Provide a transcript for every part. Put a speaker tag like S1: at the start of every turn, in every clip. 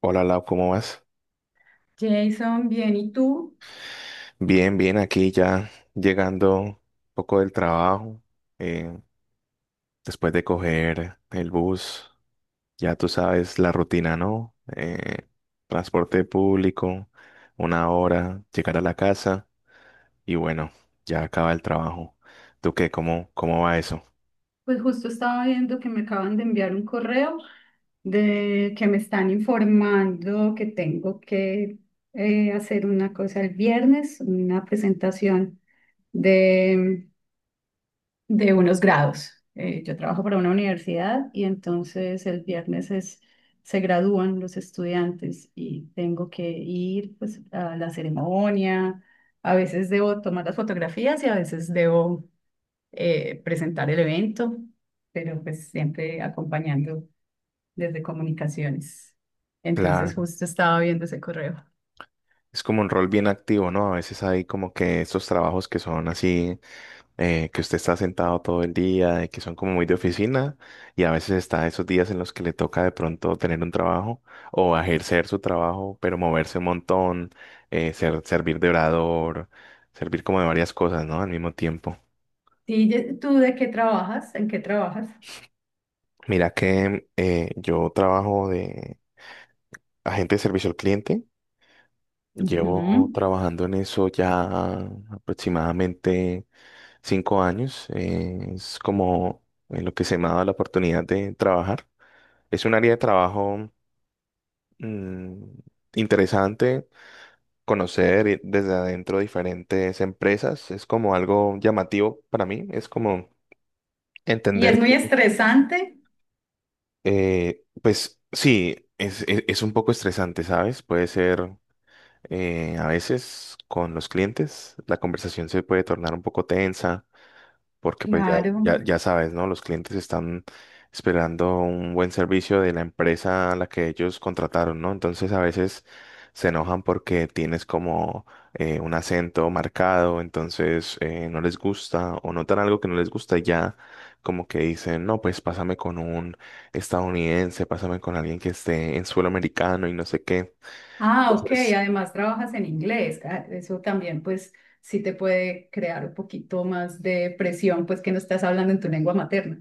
S1: Hola Lau, ¿cómo vas?
S2: Jason, bien, ¿y tú?
S1: Bien, bien, aquí ya llegando un poco del trabajo, eh, después de coger el bus, ya tú sabes la rutina, ¿no? Transporte público, una hora, llegar a la casa y bueno, ya acaba el trabajo. ¿Tú qué? ¿Cómo va eso?
S2: Pues justo estaba viendo que me acaban de enviar un correo de que me están informando que tengo que hacer una cosa el viernes, una presentación de, de unos grados. Yo trabajo para una universidad y entonces el viernes es, se gradúan los estudiantes y tengo que ir, pues, a la ceremonia. A veces debo tomar las fotografías y a veces debo presentar el evento, pero pues siempre acompañando desde comunicaciones. Entonces
S1: Claro.
S2: justo estaba viendo ese correo.
S1: Es como un rol bien activo, ¿no? A veces hay como que estos trabajos que son así, que usted está sentado todo el día, y que son como muy de oficina, y a veces está esos días en los que le toca de pronto tener un trabajo o ejercer su trabajo, pero moverse un montón, servir de orador, servir como de varias cosas, ¿no? Al mismo tiempo.
S2: Sí, ¿tú de qué trabajas? ¿En qué trabajas?
S1: Mira que yo trabajo de agente de servicio al cliente. Llevo
S2: Ujú.
S1: trabajando en eso ya aproximadamente 5 años. Es como en lo que se me ha dado la oportunidad de trabajar. Es un área de trabajo mm, interesante, conocer desde adentro diferentes empresas. Es como algo llamativo para mí. Es como
S2: Y es
S1: entender
S2: muy
S1: que,
S2: estresante.
S1: pues sí, es, es un poco estresante, ¿sabes? Puede ser. A veces con los clientes la conversación se puede tornar un poco tensa porque pues ya,
S2: Claro.
S1: ya sabes, ¿no? Los clientes están esperando un buen servicio de la empresa a la que ellos contrataron, ¿no? Entonces a veces se enojan porque tienes como un acento marcado, entonces no les gusta o notan algo que no les gusta y ya como que dicen, no, pues pásame con un estadounidense, pásame con alguien que esté en suelo americano y no sé qué.
S2: Ah, ok.
S1: Entonces,
S2: Además trabajas en inglés. Ah, eso también, pues, sí te puede crear un poquito más de presión, pues que no estás hablando en tu lengua materna.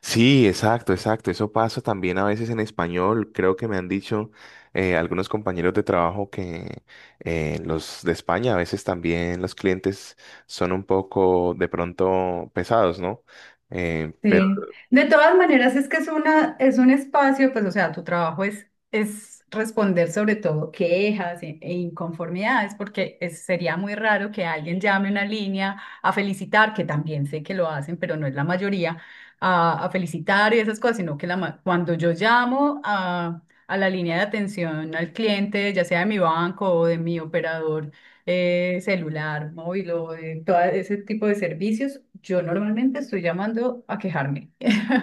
S1: sí, exacto, exacto. Eso pasa también a veces en español. Creo que me han dicho algunos compañeros de trabajo que los de España a veces también los clientes son un poco de pronto pesados, ¿no? Pero
S2: Sí, de todas maneras es que es una, es un espacio, pues, o sea, tu trabajo es responder sobre todo quejas e, e inconformidades, porque sería muy raro que alguien llame una línea a felicitar, que también sé que lo hacen, pero no es la mayoría, a felicitar y esas cosas, sino que cuando yo llamo a la línea de atención al cliente, ya sea de mi banco o de mi operador, celular, móvil o de todo ese tipo de servicios, yo normalmente estoy llamando a quejarme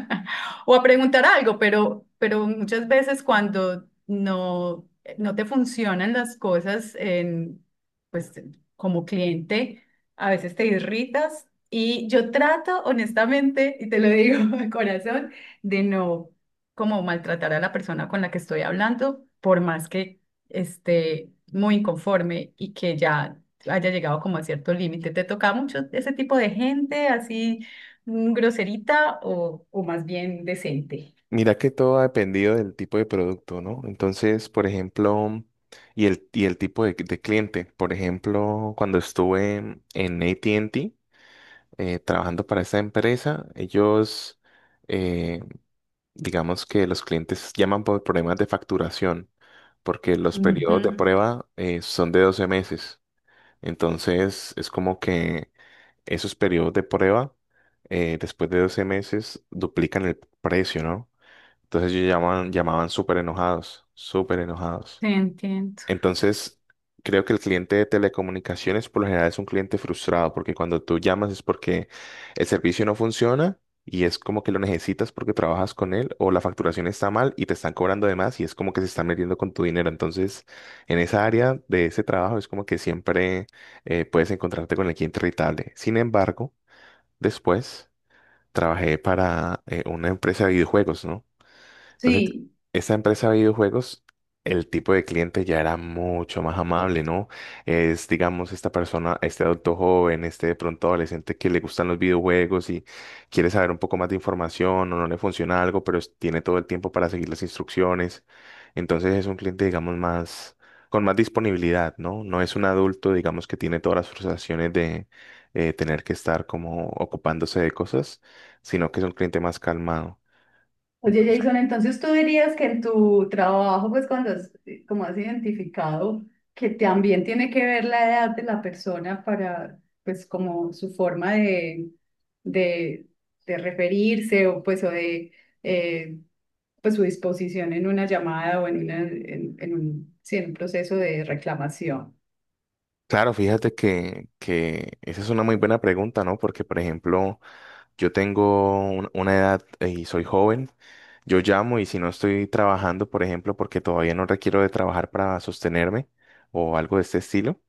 S2: o a preguntar algo, pero muchas veces cuando no te funcionan las cosas en, pues, como cliente, a veces te irritas y yo trato honestamente, y te lo digo de corazón, de no como maltratar a la persona con la que estoy hablando, por más que este, muy inconforme y que ya haya llegado como a cierto límite. ¿Te toca mucho ese tipo de gente así, groserita o más bien decente?
S1: mira que todo ha dependido del tipo de producto, ¿no? Entonces, por ejemplo, y el tipo de cliente. Por ejemplo, cuando estuve en AT&T trabajando para esta empresa, ellos... eh, digamos que los clientes llaman por problemas de facturación, porque los
S2: Ujú,
S1: periodos de prueba son de 12 meses. Entonces, es como que esos periodos de prueba, después de 12 meses, duplican el precio, ¿no? Entonces, ellos llaman, llamaban súper enojados, súper enojados.
S2: te entiendo.
S1: Entonces, creo que el cliente de telecomunicaciones por lo general es un cliente frustrado, porque cuando tú llamas es porque el servicio no funciona y es como que lo necesitas porque trabajas con él, o la facturación está mal y te están cobrando de más y es como que se están metiendo con tu dinero. Entonces, en esa área de ese trabajo es como que siempre puedes encontrarte con el cliente irritable. Sin embargo, después trabajé para una empresa de videojuegos, ¿no? Entonces,
S2: Sí.
S1: esa empresa de videojuegos, el tipo de cliente ya era mucho más amable, ¿no? Es, digamos, esta persona, este adulto joven, este de pronto adolescente que le gustan los videojuegos y quiere saber un poco más de información o no le funciona algo, tiene todo el tiempo para seguir las instrucciones. Entonces, es un cliente, digamos, más, con más disponibilidad, ¿no? No es un adulto, digamos, que tiene todas las frustraciones de tener que estar como ocupándose de cosas, sino que es un cliente más calmado.
S2: Oye, Jason, entonces tú dirías que en tu trabajo, pues como has identificado que también tiene que ver la edad de la persona para, pues como su forma de, de referirse o pues eh, pues su disposición en una llamada o en en un, sí, en un proceso de reclamación.
S1: Claro, fíjate que esa es una muy buena pregunta, ¿no? Porque, por ejemplo, yo tengo una edad y soy joven. Yo llamo y si no estoy trabajando, por ejemplo, porque todavía no requiero de trabajar para sostenerme o algo de este estilo,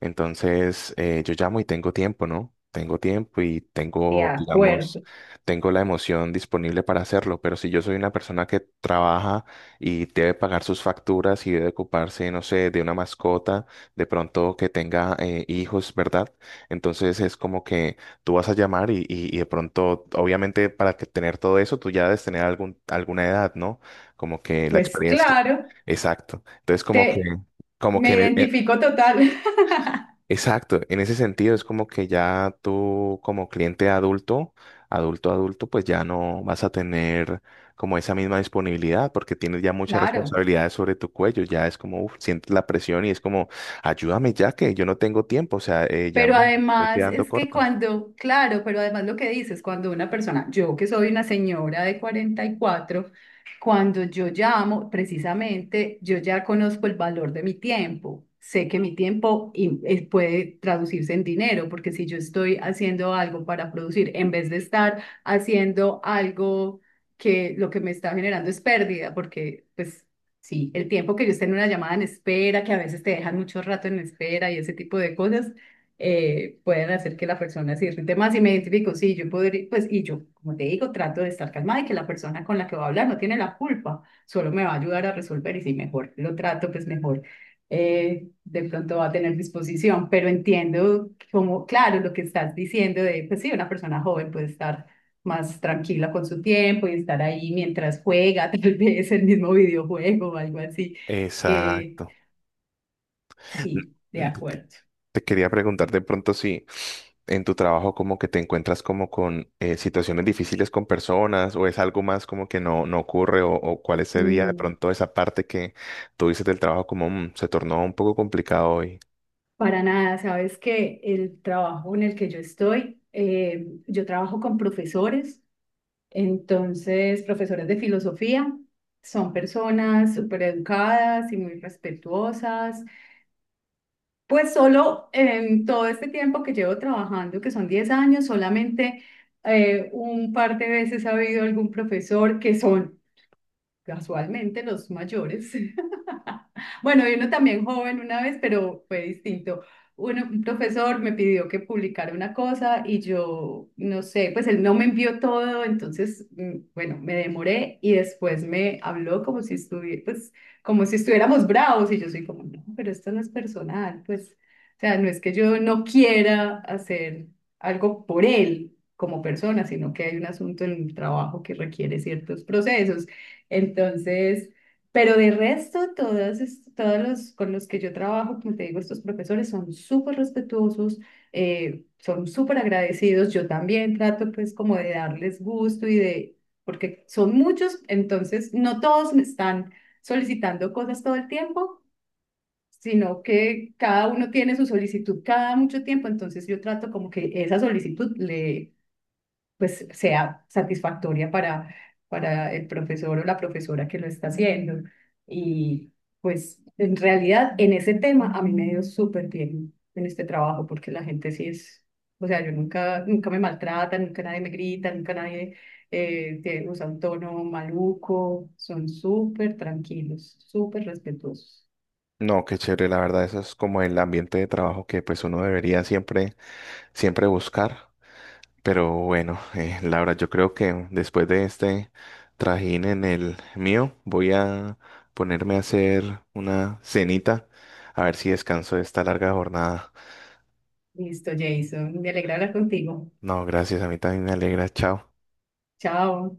S1: entonces yo llamo y tengo tiempo, ¿no? Tengo tiempo y
S2: De
S1: tengo, digamos,
S2: acuerdo.
S1: tengo la emoción disponible para hacerlo, pero si yo soy una persona que trabaja y debe pagar sus facturas y debe ocuparse, no sé, de una mascota, de pronto que tenga hijos, ¿verdad? Entonces es como que tú vas a llamar y de pronto, obviamente, para que tener todo eso, tú ya debes tener alguna edad, ¿no? Como que la
S2: Pues
S1: experiencia.
S2: claro.
S1: Exacto. Entonces, como que,
S2: Te,
S1: como que,
S2: me
S1: en e- en-
S2: identifico total.
S1: exacto, en ese sentido es como que ya tú como cliente adulto, adulto, adulto, pues ya no vas a tener como esa misma disponibilidad porque tienes ya muchas
S2: Claro.
S1: responsabilidades sobre tu cuello, ya es como, uf, sientes la presión y es como, ayúdame ya que yo no tengo tiempo, o sea, ya me
S2: Pero
S1: estoy
S2: además
S1: quedando
S2: es que
S1: corto.
S2: cuando, claro, pero además lo que dices, cuando una persona, yo que soy una señora de 44, cuando yo llamo, precisamente yo ya conozco el valor de mi tiempo. Sé que mi tiempo puede traducirse en dinero, porque si yo estoy haciendo algo para producir, en vez de estar haciendo algo que lo que me está generando es pérdida, porque pues sí, el tiempo que yo esté en una llamada en espera, que a veces te dejan mucho rato en espera y ese tipo de cosas pueden hacer que la persona se irrite más y me identifico, sí, yo podría, pues, y yo, como te digo, trato de estar calmada y que la persona con la que voy a hablar no tiene la culpa, solo me va a ayudar a resolver y si mejor lo trato, pues mejor. De pronto va a tener disposición, pero entiendo como, claro, lo que estás diciendo de, pues sí, una persona joven puede estar más tranquila con su tiempo y estar ahí mientras juega, tal vez el mismo videojuego o algo así, que
S1: Exacto.
S2: sí, de acuerdo.
S1: Te quería preguntar de pronto si en tu trabajo como que te encuentras como con situaciones difíciles con personas o es algo más como que no, no ocurre o cuál es ese día de
S2: Mm.
S1: pronto esa parte que tú dices del trabajo como "Mm, se tornó un poco complicado hoy."
S2: Para nada, sabes que el trabajo en el que yo estoy, yo trabajo con profesores, entonces profesores de filosofía, son personas súper educadas y muy respetuosas. Pues solo en todo este tiempo que llevo trabajando, que son 10 años, solamente un par de veces ha habido algún profesor que son casualmente los mayores. Bueno, y uno también joven una vez, pero fue distinto. Uno, un profesor me pidió que publicara una cosa y yo, no sé, pues él no me envió todo, entonces, mm, bueno, me demoré y después me habló como si estuviera, pues, como si estuviéramos bravos y yo soy como, no, pero esto no es personal, pues, o sea, no es que yo no quiera hacer algo por él como persona, sino que hay un asunto en el trabajo que requiere ciertos procesos. Entonces, pero de resto, todos, todos los con los que yo trabajo, como te digo, estos profesores son súper respetuosos, son súper agradecidos. Yo también trato pues como de darles gusto y de, porque son muchos, entonces no todos me están solicitando cosas todo el tiempo, sino que cada uno tiene su solicitud cada mucho tiempo, entonces yo trato como que esa solicitud le pues sea satisfactoria para el profesor o la profesora que lo está haciendo. Y pues en realidad en ese tema a mí me ha ido súper bien en este trabajo porque la gente sí es, o sea, yo nunca, nunca me maltrata, nunca nadie me grita, nunca nadie usa un tono maluco, son súper tranquilos, súper respetuosos.
S1: No, qué chévere, la verdad, eso es como el ambiente de trabajo que pues uno debería siempre, siempre buscar. Pero bueno, Laura, yo creo que después de este trajín en el mío, voy a ponerme a hacer una cenita, a ver si descanso de esta larga jornada.
S2: Listo, Jason, me alegra hablar contigo.
S1: No, gracias, a mí también me alegra, chao.
S2: Chao.